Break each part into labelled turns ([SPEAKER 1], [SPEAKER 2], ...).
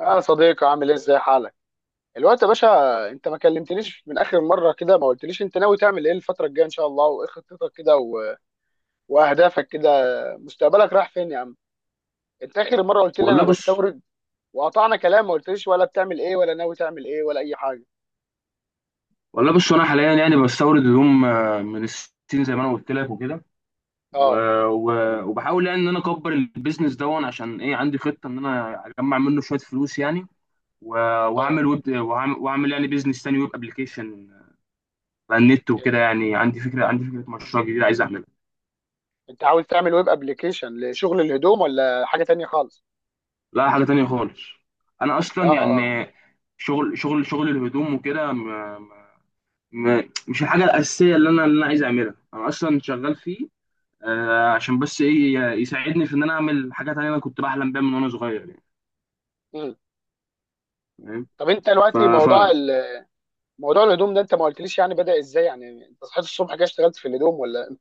[SPEAKER 1] اه صديقي، عامل ايه؟ ازاي حالك الوقت يا باشا؟ انت ما كلمتنيش من اخر مره كده. ما قلتليش انت ناوي تعمل ايه الفتره الجايه ان شاء الله، وايه خطتك كده واهدافك كده، مستقبلك رايح فين يا عم؟ انت اخر مره قلت لي
[SPEAKER 2] والله
[SPEAKER 1] انا
[SPEAKER 2] بص
[SPEAKER 1] بستورد، وقطعنا كلام. ما قلتليش ولا بتعمل ايه ولا ناوي تعمل ايه ولا اي حاجه.
[SPEAKER 2] والله بص، انا حاليا يعني بستورد هدوم من الصين زي ما انا قلت لك وكده. و...
[SPEAKER 1] اه.
[SPEAKER 2] و... وبحاول يعني ان انا اكبر البيزنس دون، عشان ايه؟ عندي خطه ان انا اجمع منه شويه فلوس يعني. و...
[SPEAKER 1] اه.
[SPEAKER 2] وهعمل ويب، وهعمل يعني بيزنس تاني، ويب ابلكيشن على النت وكده. يعني عندي فكره، مشروع جديد عايز اعملها.
[SPEAKER 1] انت عاوز تعمل ويب ابلكيشن لشغل الهدوم ولا حاجه تانية خالص؟
[SPEAKER 2] لا، حاجه تانيه خالص. انا
[SPEAKER 1] اه.
[SPEAKER 2] اصلا
[SPEAKER 1] اه.
[SPEAKER 2] يعني شغل الهدوم وكده، مش الحاجه الاساسيه اللي انا عايز اعملها. انا اصلا شغال فيه عشان بس ايه، يساعدني في ان انا اعمل حاجات انا كنت بحلم بيها من وانا صغير يعني.
[SPEAKER 1] مم.
[SPEAKER 2] فاهم؟
[SPEAKER 1] طب انت
[SPEAKER 2] ف
[SPEAKER 1] دلوقتي
[SPEAKER 2] ف
[SPEAKER 1] موضوع موضوع الهدوم ده انت ما قلتليش يعني بدأ ازاي؟ يعني انت صحيت الصبح كده اشتغلت في الهدوم ولا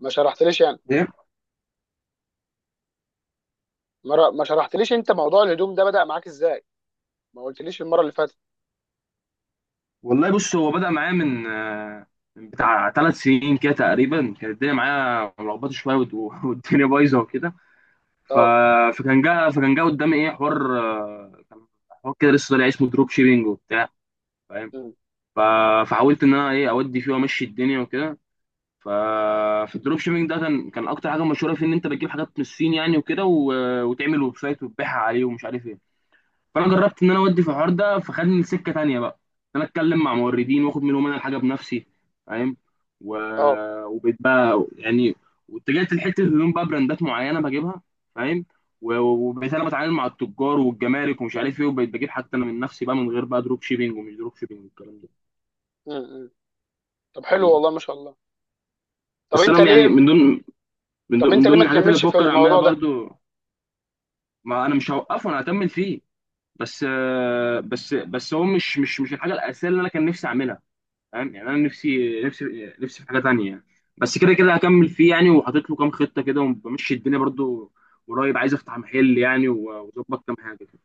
[SPEAKER 1] ما شرحتليش يعني؟
[SPEAKER 2] ايه.
[SPEAKER 1] مرة ما شرحتليش انت موضوع الهدوم ده بدأ معاك ازاي. ما قلتليش المرة اللي فاتت.
[SPEAKER 2] والله بص، هو بدأ معايا من بتاع 3 سنين كده تقريبا. كانت الدنيا معايا ملخبطه شويه، والدنيا بايظه وكده. ف...
[SPEAKER 1] اه.
[SPEAKER 2] فكان جه قدامي ايه، حوار، كان حوار كده لسه طالع اسمه دروب شيبينج وبتاع. فاهم؟
[SPEAKER 1] مم.
[SPEAKER 2] ف... فحاولت ان انا ايه، اودي فيه وامشي الدنيا وكده. ففي الدروب شيبينج ده كان اكتر حاجه مشهوره فيه، ان انت بتجيب حاجات من الصين يعني وكده، وتعمل ويب سايت وتبيعها عليه ومش عارف ايه. فانا جربت ان انا اودي في الحوار ده، فخدني لسكه تانيه بقى، ان انا اتكلم مع موردين واخد منهم انا الحاجه بنفسي. فاهم؟ و...
[SPEAKER 1] اه.
[SPEAKER 2] وبقيت بقى يعني، واتجهت لحته الهدوم بقى، براندات معينه بجيبها. فاهم؟ وبقيت انا بتعامل مع التجار والجمارك ومش عارف ايه، وبقيت بجيب حتى انا من نفسي بقى، من غير بقى دروب شيبينج ومش دروب شيبينج والكلام ده.
[SPEAKER 1] مم. مم. طب حلو والله ما شاء الله. طب
[SPEAKER 2] بس
[SPEAKER 1] انت
[SPEAKER 2] انا يعني
[SPEAKER 1] ليه،
[SPEAKER 2] من ضمن من
[SPEAKER 1] طب
[SPEAKER 2] ضمن
[SPEAKER 1] انت
[SPEAKER 2] من
[SPEAKER 1] ليه ما
[SPEAKER 2] ضمن الحاجات اللي
[SPEAKER 1] تكملش في
[SPEAKER 2] بفكر اعملها
[SPEAKER 1] الموضوع ده؟
[SPEAKER 2] برضو. ما انا مش هوقفه، انا هكمل فيه. بس آه، بس بس هو مش الحاجه الاساسيه اللي انا كان نفسي اعملها. فاهم يعني؟ انا نفسي في حاجه تانية يعني. بس كده كده هكمل فيه يعني، وحاطط له كام خطه كده، وبمشي الدنيا برضو. قريب عايز افتح محل يعني، واظبط كام حاجه كده.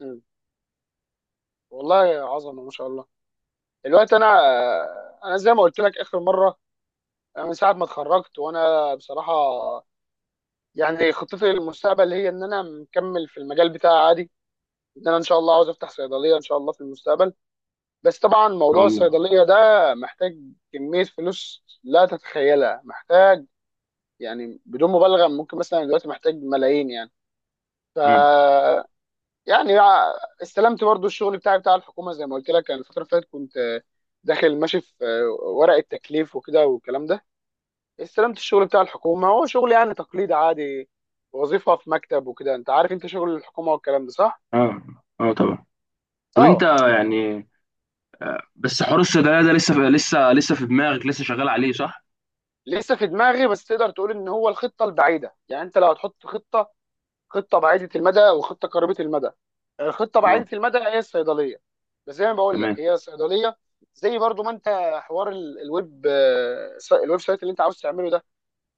[SPEAKER 1] مم. والله عظمة ما شاء الله. دلوقتي انا، انا زي ما قلت لك اخر مرة، انا من ساعة ما اتخرجت وانا بصراحة يعني خطتي للمستقبل هي ان انا مكمل في المجال بتاعي عادي. ان انا ان شاء الله عاوز افتح صيدلية ان شاء الله في المستقبل. بس طبعا
[SPEAKER 2] ان شاء
[SPEAKER 1] موضوع
[SPEAKER 2] الله.
[SPEAKER 1] الصيدلية ده محتاج كمية فلوس لا تتخيلها، محتاج يعني بدون مبالغه، ممكن مثلا دلوقتي محتاج ملايين يعني. ف
[SPEAKER 2] مم.
[SPEAKER 1] يعني استلمت برضو الشغل بتاعي بتاع الحكومه زي ما قلت لك. انا الفتره اللي فاتت كنت داخل ماشي في ورقه تكليف وكده والكلام ده. استلمت الشغل بتاع الحكومه، هو شغل يعني تقليد عادي، وظيفه في مكتب وكده. انت عارف انت شغل الحكومه والكلام ده، صح؟
[SPEAKER 2] اه، اه طبعا. طب انت
[SPEAKER 1] اه.
[SPEAKER 2] يعني، بس حوار الصيدليه ده لسه في دماغك، لسه شغال عليه صح؟
[SPEAKER 1] لسه في دماغي، بس تقدر تقول ان هو الخطه البعيده. يعني انت لو هتحط خطه، خطه بعيده المدى وخطه قريبه المدى، الخطه بعيده
[SPEAKER 2] اه،
[SPEAKER 1] المدى هي الصيدليه. بس زي ما بقول لك
[SPEAKER 2] تمام،
[SPEAKER 1] هي صيدليه، زي برضو ما انت، حوار الويب الويب سايت اللي انت عاوز تعمله ده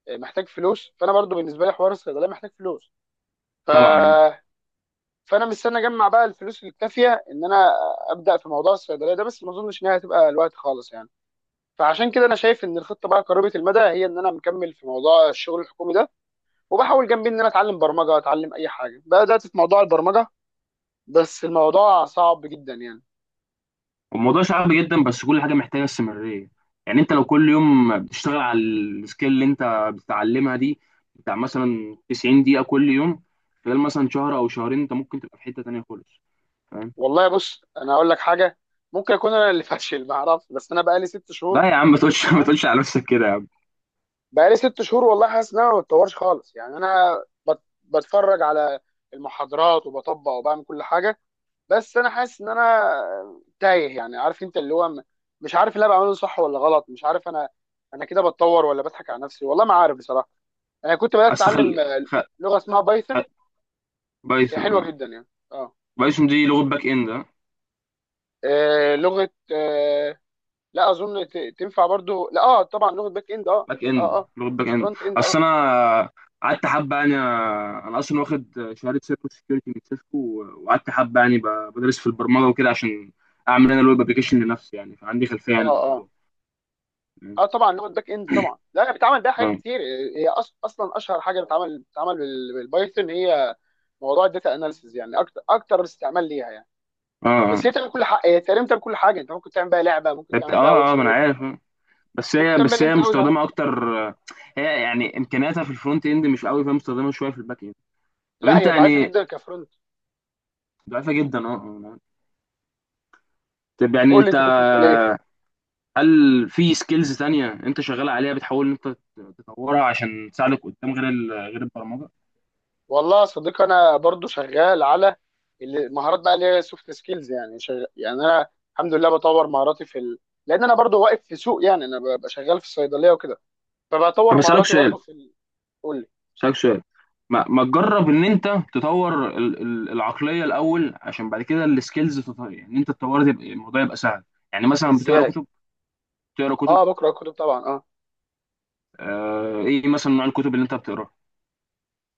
[SPEAKER 1] محتاج فلوس. فانا برضو بالنسبه لي حوار الصيدليه محتاج فلوس. ف
[SPEAKER 2] طبعا.
[SPEAKER 1] فانا مستني اجمع بقى الفلوس الكافيه ان انا ابدا في موضوع الصيدليه ده، بس ما اظنش انها هتبقى الوقت خالص يعني. فعشان كده انا شايف ان الخطه بقى قريبه المدى هي ان انا مكمل في موضوع الشغل الحكومي ده، وبحاول جنبي ان انا اتعلم برمجه، اتعلم اي حاجه بدات في موضوع البرمجه. بس الموضوع صعب جدا يعني.
[SPEAKER 2] الموضوع صعب جدا، بس كل حاجه محتاجه استمراريه. يعني انت لو كل يوم بتشتغل على السكيل اللي انت بتتعلمها دي، بتاع مثلا 90 دقيقه كل يوم، خلال مثلا شهر او شهرين، انت ممكن تبقى في حته تانيه خالص. فاهم؟
[SPEAKER 1] والله بص انا اقول لك حاجه، ممكن اكون انا اللي فاشل ما اعرفش، بس انا بقالي ست شهور.
[SPEAKER 2] لا يا عم، ما تقولش ما
[SPEAKER 1] تمام.
[SPEAKER 2] تقولش على نفسك كده يا عم.
[SPEAKER 1] بقالي ست شهور والله حاسس ان انا ما بتطورش خالص يعني. انا بتفرج على المحاضرات وبطبق وبعمل كل حاجه، بس انا حاسس ان انا تايه يعني. عارف انت اللي هو، مش عارف اللي انا بعمله صح ولا غلط. مش عارف انا، انا كده بتطور ولا بضحك على نفسي، والله ما عارف بصراحه. انا كنت بدات
[SPEAKER 2] اصل
[SPEAKER 1] اتعلم لغه اسمها
[SPEAKER 2] خ...
[SPEAKER 1] بايثون، هي
[SPEAKER 2] بايثون
[SPEAKER 1] حلوه
[SPEAKER 2] آه.
[SPEAKER 1] جدا يعني. اه.
[SPEAKER 2] بايثون دي لغه باك اند.
[SPEAKER 1] لغه لا اظن تنفع برضو. لا اه طبعا لغه باك اند. اه.
[SPEAKER 2] باك
[SPEAKER 1] اه
[SPEAKER 2] اند،
[SPEAKER 1] اه
[SPEAKER 2] لغه باك
[SPEAKER 1] مش
[SPEAKER 2] اند.
[SPEAKER 1] فرونت اند.
[SPEAKER 2] اصل
[SPEAKER 1] اه
[SPEAKER 2] انا قعدت حبه يعني، انا اصلا واخد شهاده سيركو سكيورتي من سيسكو، وقعدت حبه يعني بدرس في البرمجه وكده، عشان اعمل انا الويب ابلكيشن لنفسي يعني. فعندي خلفيه
[SPEAKER 1] اه
[SPEAKER 2] يعني
[SPEAKER 1] اه اه.
[SPEAKER 2] بالموضوع.
[SPEAKER 1] طبعا لغه باك اند طبعا. لا هي بتتعمل بيها حاجات
[SPEAKER 2] اه،
[SPEAKER 1] كتير. هي اصلا اشهر حاجه بتتعمل بالبايثون هي موضوع الداتا اناليسيز يعني. اكتر اكتر استعمال ليها يعني.
[SPEAKER 2] اه،
[SPEAKER 1] بس هي تعمل كل حاجه، هي تقريبا تعمل كل حاجه. انت ممكن تعمل بيها لعبه، ممكن
[SPEAKER 2] اه،
[SPEAKER 1] تعمل بيها ويب
[SPEAKER 2] اه، اه، ما انا
[SPEAKER 1] سايت،
[SPEAKER 2] عارف آه. بس
[SPEAKER 1] ممكن
[SPEAKER 2] هي
[SPEAKER 1] تعمل بيها
[SPEAKER 2] بس
[SPEAKER 1] اللي
[SPEAKER 2] هي
[SPEAKER 1] انت عاوزه عادي.
[SPEAKER 2] مستخدمه اكتر. هي يعني امكانياتها في الفرونت اند مش قوي، فهي مستخدمه شويه في الباك اند. طب
[SPEAKER 1] لا
[SPEAKER 2] انت
[SPEAKER 1] هي ضعيفه
[SPEAKER 2] يعني،
[SPEAKER 1] جدا كفرونت.
[SPEAKER 2] ضعيفه جدا، اه، أنا عارف. طب يعني
[SPEAKER 1] قول لي
[SPEAKER 2] انت،
[SPEAKER 1] انت كنت بتقول ايه.
[SPEAKER 2] هل في سكيلز تانية انت شغال عليها بتحاول ان انت تطورها عشان تساعدك قدام، غير غير البرمجة؟
[SPEAKER 1] والله يا صديقي انا برضو شغال على مهارات بقى، اللي هي سوفت سكيلز يعني. يعني انا الحمد لله بطور مهاراتي في لان انا برضو واقف في سوق يعني، انا ببقى شغال في الصيدليه وكده، فبطور
[SPEAKER 2] طب اسالك
[SPEAKER 1] مهاراتي
[SPEAKER 2] سؤال،
[SPEAKER 1] برضو في قول لي.
[SPEAKER 2] اسالك سؤال، ما تجرب ان انت تطور العقلية الاول، عشان بعد كده السكيلز تطور. يعني انت تطور تبقى، الموضوع يبقى سهل. يعني مثلا بتقرا
[SPEAKER 1] ازاي؟
[SPEAKER 2] كتب؟ بتقرا كتب؟
[SPEAKER 1] اه بقرا كتب طبعا، اه.
[SPEAKER 2] آه، ايه مثلا نوع الكتب اللي انت بتقراها؟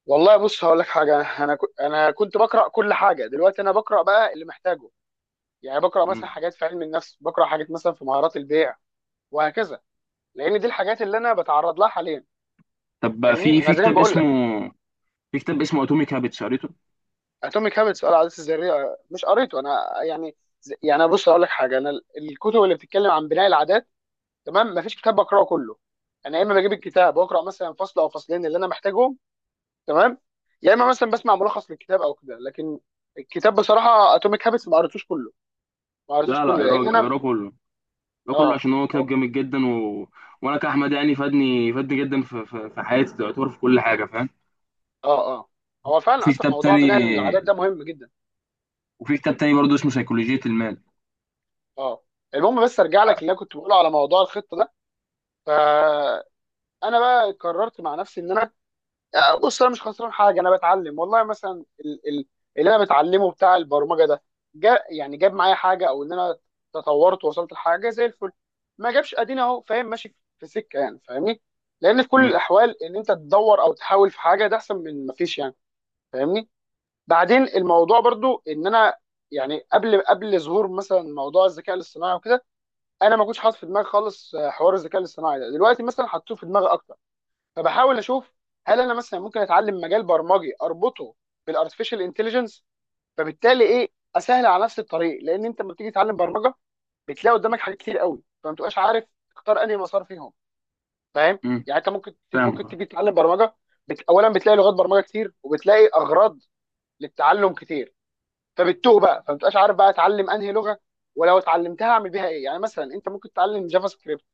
[SPEAKER 1] والله بص هقول لك حاجه، انا انا كنت بقرا كل حاجه، دلوقتي انا بقرا بقى اللي محتاجه. يعني بقرا مثلا
[SPEAKER 2] مم.
[SPEAKER 1] حاجات في علم النفس، بقرا حاجات مثلا في مهارات البيع وهكذا، لان دي الحاجات اللي انا بتعرض لها حاليا.
[SPEAKER 2] طب بقى،
[SPEAKER 1] فاهمني؟ انا زي ما بقول لك،
[SPEAKER 2] في كتاب اسمه اتوميك هابتس، قريته؟
[SPEAKER 1] اتوميك هابتس بقى، العادات الذريه، مش قريته انا يعني. يعني بص اقول لك حاجه، انا الكتب اللي بتتكلم عن بناء العادات، تمام، مفيش كتاب بقراه كله. انا يا اما بجيب الكتاب واقرا مثلا فصل او فصلين اللي انا محتاجهم، تمام، يا اما مثلا بسمع ملخص للكتاب او كده. لكن الكتاب بصراحه اتوميك هابتس ما قريتوش كله، ما قريتوش
[SPEAKER 2] لا، لا
[SPEAKER 1] كله
[SPEAKER 2] اقراه،
[SPEAKER 1] لان انا،
[SPEAKER 2] اقراه كله. ده كله،
[SPEAKER 1] اه،
[SPEAKER 2] عشان هو كتاب جامد جدا، وانا كاحمد يعني فادني، فادني جدا في حياتي، تعتبر في كل حاجه. فاهم؟
[SPEAKER 1] اه، اه، هو فعلا
[SPEAKER 2] وفي
[SPEAKER 1] اصلا
[SPEAKER 2] كتاب
[SPEAKER 1] موضوع بناء العادات
[SPEAKER 2] تاني
[SPEAKER 1] ده مهم جدا.
[SPEAKER 2] وفي كتاب تاني برضه اسمه سيكولوجيه المال.
[SPEAKER 1] اه. المهم بس ارجع لك
[SPEAKER 2] ع-
[SPEAKER 1] اللي انا كنت بقوله على موضوع الخطه ده. فانا بقى قررت مع نفسي ان انا، بص انا مش خسران حاجه، انا بتعلم. والله مثلا اللي انا بتعلمه بتاع البرمجه ده، جا يعني جاب معايا حاجه او ان انا تطورت ووصلت لحاجه زي الفل، ما جابش ادينا اهو، فاهم، ماشي في سكه يعني. فاهمني؟ لان في كل
[SPEAKER 2] امم.
[SPEAKER 1] الاحوال ان انت تدور او تحاول في حاجه، ده احسن من ما فيش يعني. فاهمني؟ بعدين الموضوع برضو ان انا يعني، قبل ظهور مثلا موضوع الذكاء الاصطناعي وكده انا ما كنتش حاطط في دماغي خالص حوار الذكاء الاصطناعي ده. دلوقتي مثلا حطيته في دماغي اكتر، فبحاول اشوف هل انا مثلا ممكن اتعلم مجال برمجي اربطه بالارتفيشال انتليجنس. فبالتالي ايه، اسهل على نفس الطريق. لان انت لما بتيجي تتعلم برمجه بتلاقي قدامك حاجات كتير قوي، فما تبقاش عارف تختار انهي مسار فيهم. فاهم؟
[SPEAKER 2] امم،
[SPEAKER 1] يعني انت ممكن، ممكن
[SPEAKER 2] فاهم.
[SPEAKER 1] تيجي تتعلم برمجه، اولا بتلاقي لغات برمجه كتير وبتلاقي اغراض للتعلم كتير، فبتتوه بقى، فما تبقاش عارف بقى اتعلم انهي لغه، ولو اتعلمتها اعمل بيها ايه. يعني مثلا انت ممكن تتعلم جافا سكريبت،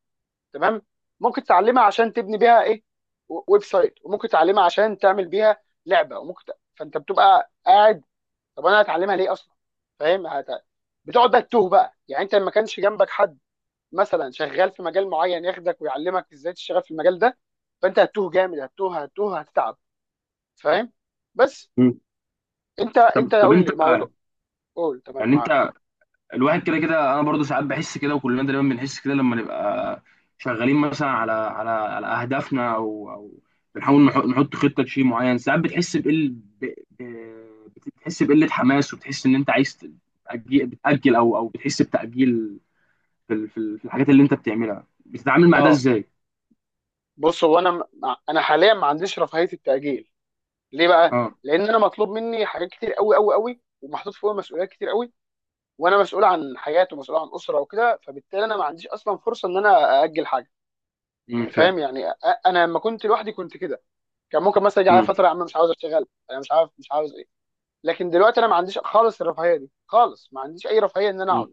[SPEAKER 1] تمام، ممكن تعلمها عشان تبني بيها ايه، ويب سايت، وممكن تعلمها عشان تعمل بيها لعبه، وممكن فانت بتبقى قاعد، طب انا هتعلمها ليه اصلا؟ فاهم؟ بتقعد بقى تتوه بقى يعني. انت لما كانش جنبك حد مثلا شغال في مجال معين ياخدك ويعلمك ازاي تشتغل في المجال ده، فانت هتتوه جامد، هتتوه، هتتوه، هتتعب. فاهم؟ بس
[SPEAKER 2] امم.
[SPEAKER 1] انت،
[SPEAKER 2] طب،
[SPEAKER 1] انت
[SPEAKER 2] طب
[SPEAKER 1] قول
[SPEAKER 2] انت
[SPEAKER 1] لي موضوع، قول، تمام
[SPEAKER 2] يعني
[SPEAKER 1] معاك.
[SPEAKER 2] انت، الواحد كده كده انا برضو ساعات بحس كده، وكلنا دايما بنحس كده لما نبقى شغالين مثلا على على اهدافنا، او بنحاول نحط خطه لشيء معين. ساعات بتحس بقل ب... بتحس بقله حماس، وبتحس ان انت عايز بتأجل، او بتحس بتأجيل في في الحاجات اللي انت بتعملها. بتتعامل مع ده
[SPEAKER 1] اه
[SPEAKER 2] ازاي؟
[SPEAKER 1] بص، هو انا، انا حاليا ما عنديش رفاهيه التاجيل. ليه بقى؟
[SPEAKER 2] اه.
[SPEAKER 1] لان انا مطلوب مني حاجات كتير قوي قوي قوي، ومحطوط فوق مسؤوليات كتير قوي. وانا مسؤول عن حياته ومسؤول عن اسره وكده، فبالتالي انا ما عنديش اصلا فرصه ان انا ااجل حاجه
[SPEAKER 2] امم،
[SPEAKER 1] يعني.
[SPEAKER 2] فاهم.
[SPEAKER 1] فاهم؟ يعني انا لما كنت لوحدي كنت كده، كان ممكن مثلا يجي على
[SPEAKER 2] امم.
[SPEAKER 1] فتره يا عم مش عاوز اشتغل، انا مش عارف، مش عاوز ايه. لكن دلوقتي انا ما عنديش خالص الرفاهيه دي خالص، ما عنديش اي رفاهيه ان انا اقعد.
[SPEAKER 2] امم.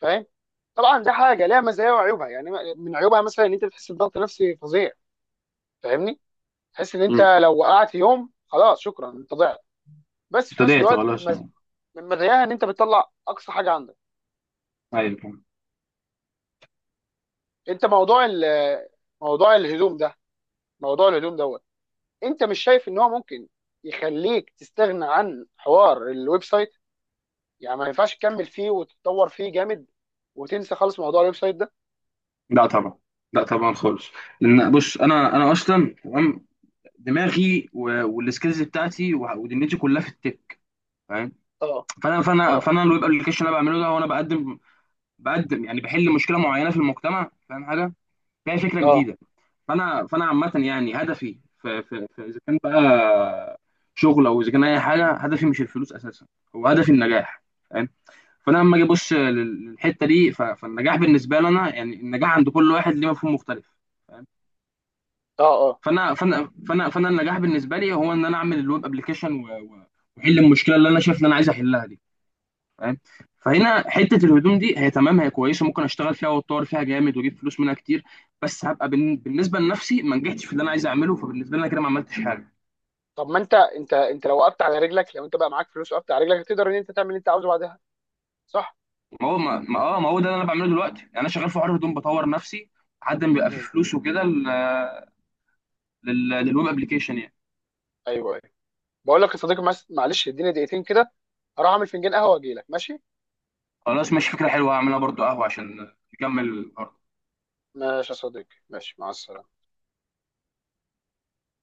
[SPEAKER 1] فاهم؟ طبعا ده حاجه ليها مزايا وعيوبها يعني. من عيوبها مثلا ان انت بتحس بضغط نفسي فظيع. فاهمني؟ تحس ان انت
[SPEAKER 2] امم،
[SPEAKER 1] لو وقعت يوم خلاص شكرا، انت ضعت. بس في نفس
[SPEAKER 2] ابتديت
[SPEAKER 1] الوقت
[SPEAKER 2] خلاص
[SPEAKER 1] من،
[SPEAKER 2] أه.
[SPEAKER 1] من مراياها ان انت بتطلع اقصى حاجه عندك.
[SPEAKER 2] ايوه، فاهم.
[SPEAKER 1] انت موضوع موضوع الهدوم ده، موضوع الهدوم دوت، انت مش شايف ان هو ممكن يخليك تستغنى عن حوار الويب سايت؟ يعني ما ينفعش تكمل فيه وتتطور فيه جامد وتنسى خالص موضوع الويب سايت ده؟
[SPEAKER 2] لا طبعا، لا طبعا خالص. لان بص، انا اصلا تمام، دماغي والسكيلز بتاعتي، ودنيتي كلها في التك. فاهم؟
[SPEAKER 1] اه
[SPEAKER 2] فانا فانا
[SPEAKER 1] اه
[SPEAKER 2] فانا الويب ابلكيشن اللي انا بعمله ده، هو انا بقدم، بقدم يعني، بحل مشكله معينه في المجتمع. فاهم؟ حاجه فيها فكره
[SPEAKER 1] اه
[SPEAKER 2] جديده. فانا عامه يعني، هدفي في اذا كان بقى شغل، او اذا كان اي حاجه، هدفي مش الفلوس اساسا، هو هدفي النجاح. فاهم؟ فانا لما اجي ابص للحته دي، فالنجاح بالنسبه لي انا يعني، النجاح عند كل واحد ليه مفهوم مختلف.
[SPEAKER 1] اه اه.
[SPEAKER 2] فانا النجاح بالنسبه لي هو ان انا اعمل الويب ابلكيشن، واحل المشكله اللي انا شايف ان انا عايز احلها دي. فاهم؟ فهنا حته الهدوم دي هي تمام، هي كويسه، ممكن اشتغل فيها واتطور فيها جامد واجيب فلوس منها كتير. بس هبقى بالنسبه لنفسي ما نجحتش في اللي انا عايز اعمله. فبالنسبه لي انا كده ما عملتش حاجه.
[SPEAKER 1] طب ما انت، انت لو وقفت على رجلك، لو انت بقى معاك فلوس وقفت على رجلك تقدر ان انت تعمل اللي انت عاوزه بعدها، صح؟
[SPEAKER 2] ما هو، اه ما هو ده اللي انا بعمله دلوقتي يعني. انا شغال في حوار هدوم، بطور نفسي لحد ما بيبقى في
[SPEAKER 1] مم.
[SPEAKER 2] فلوس وكده، للويب ابلكيشن يعني.
[SPEAKER 1] ايوه ايوه. بقول لك يا صديقي، معلش اديني دقيقتين كده، هروح اعمل فنجان قهوه واجي لك، ماشي؟
[SPEAKER 2] خلاص ماشي، فكره حلوه، هعملها برضو قهوه عشان نكمل الحوار.
[SPEAKER 1] ماشي يا صديقي، ماشي، مع السلامه.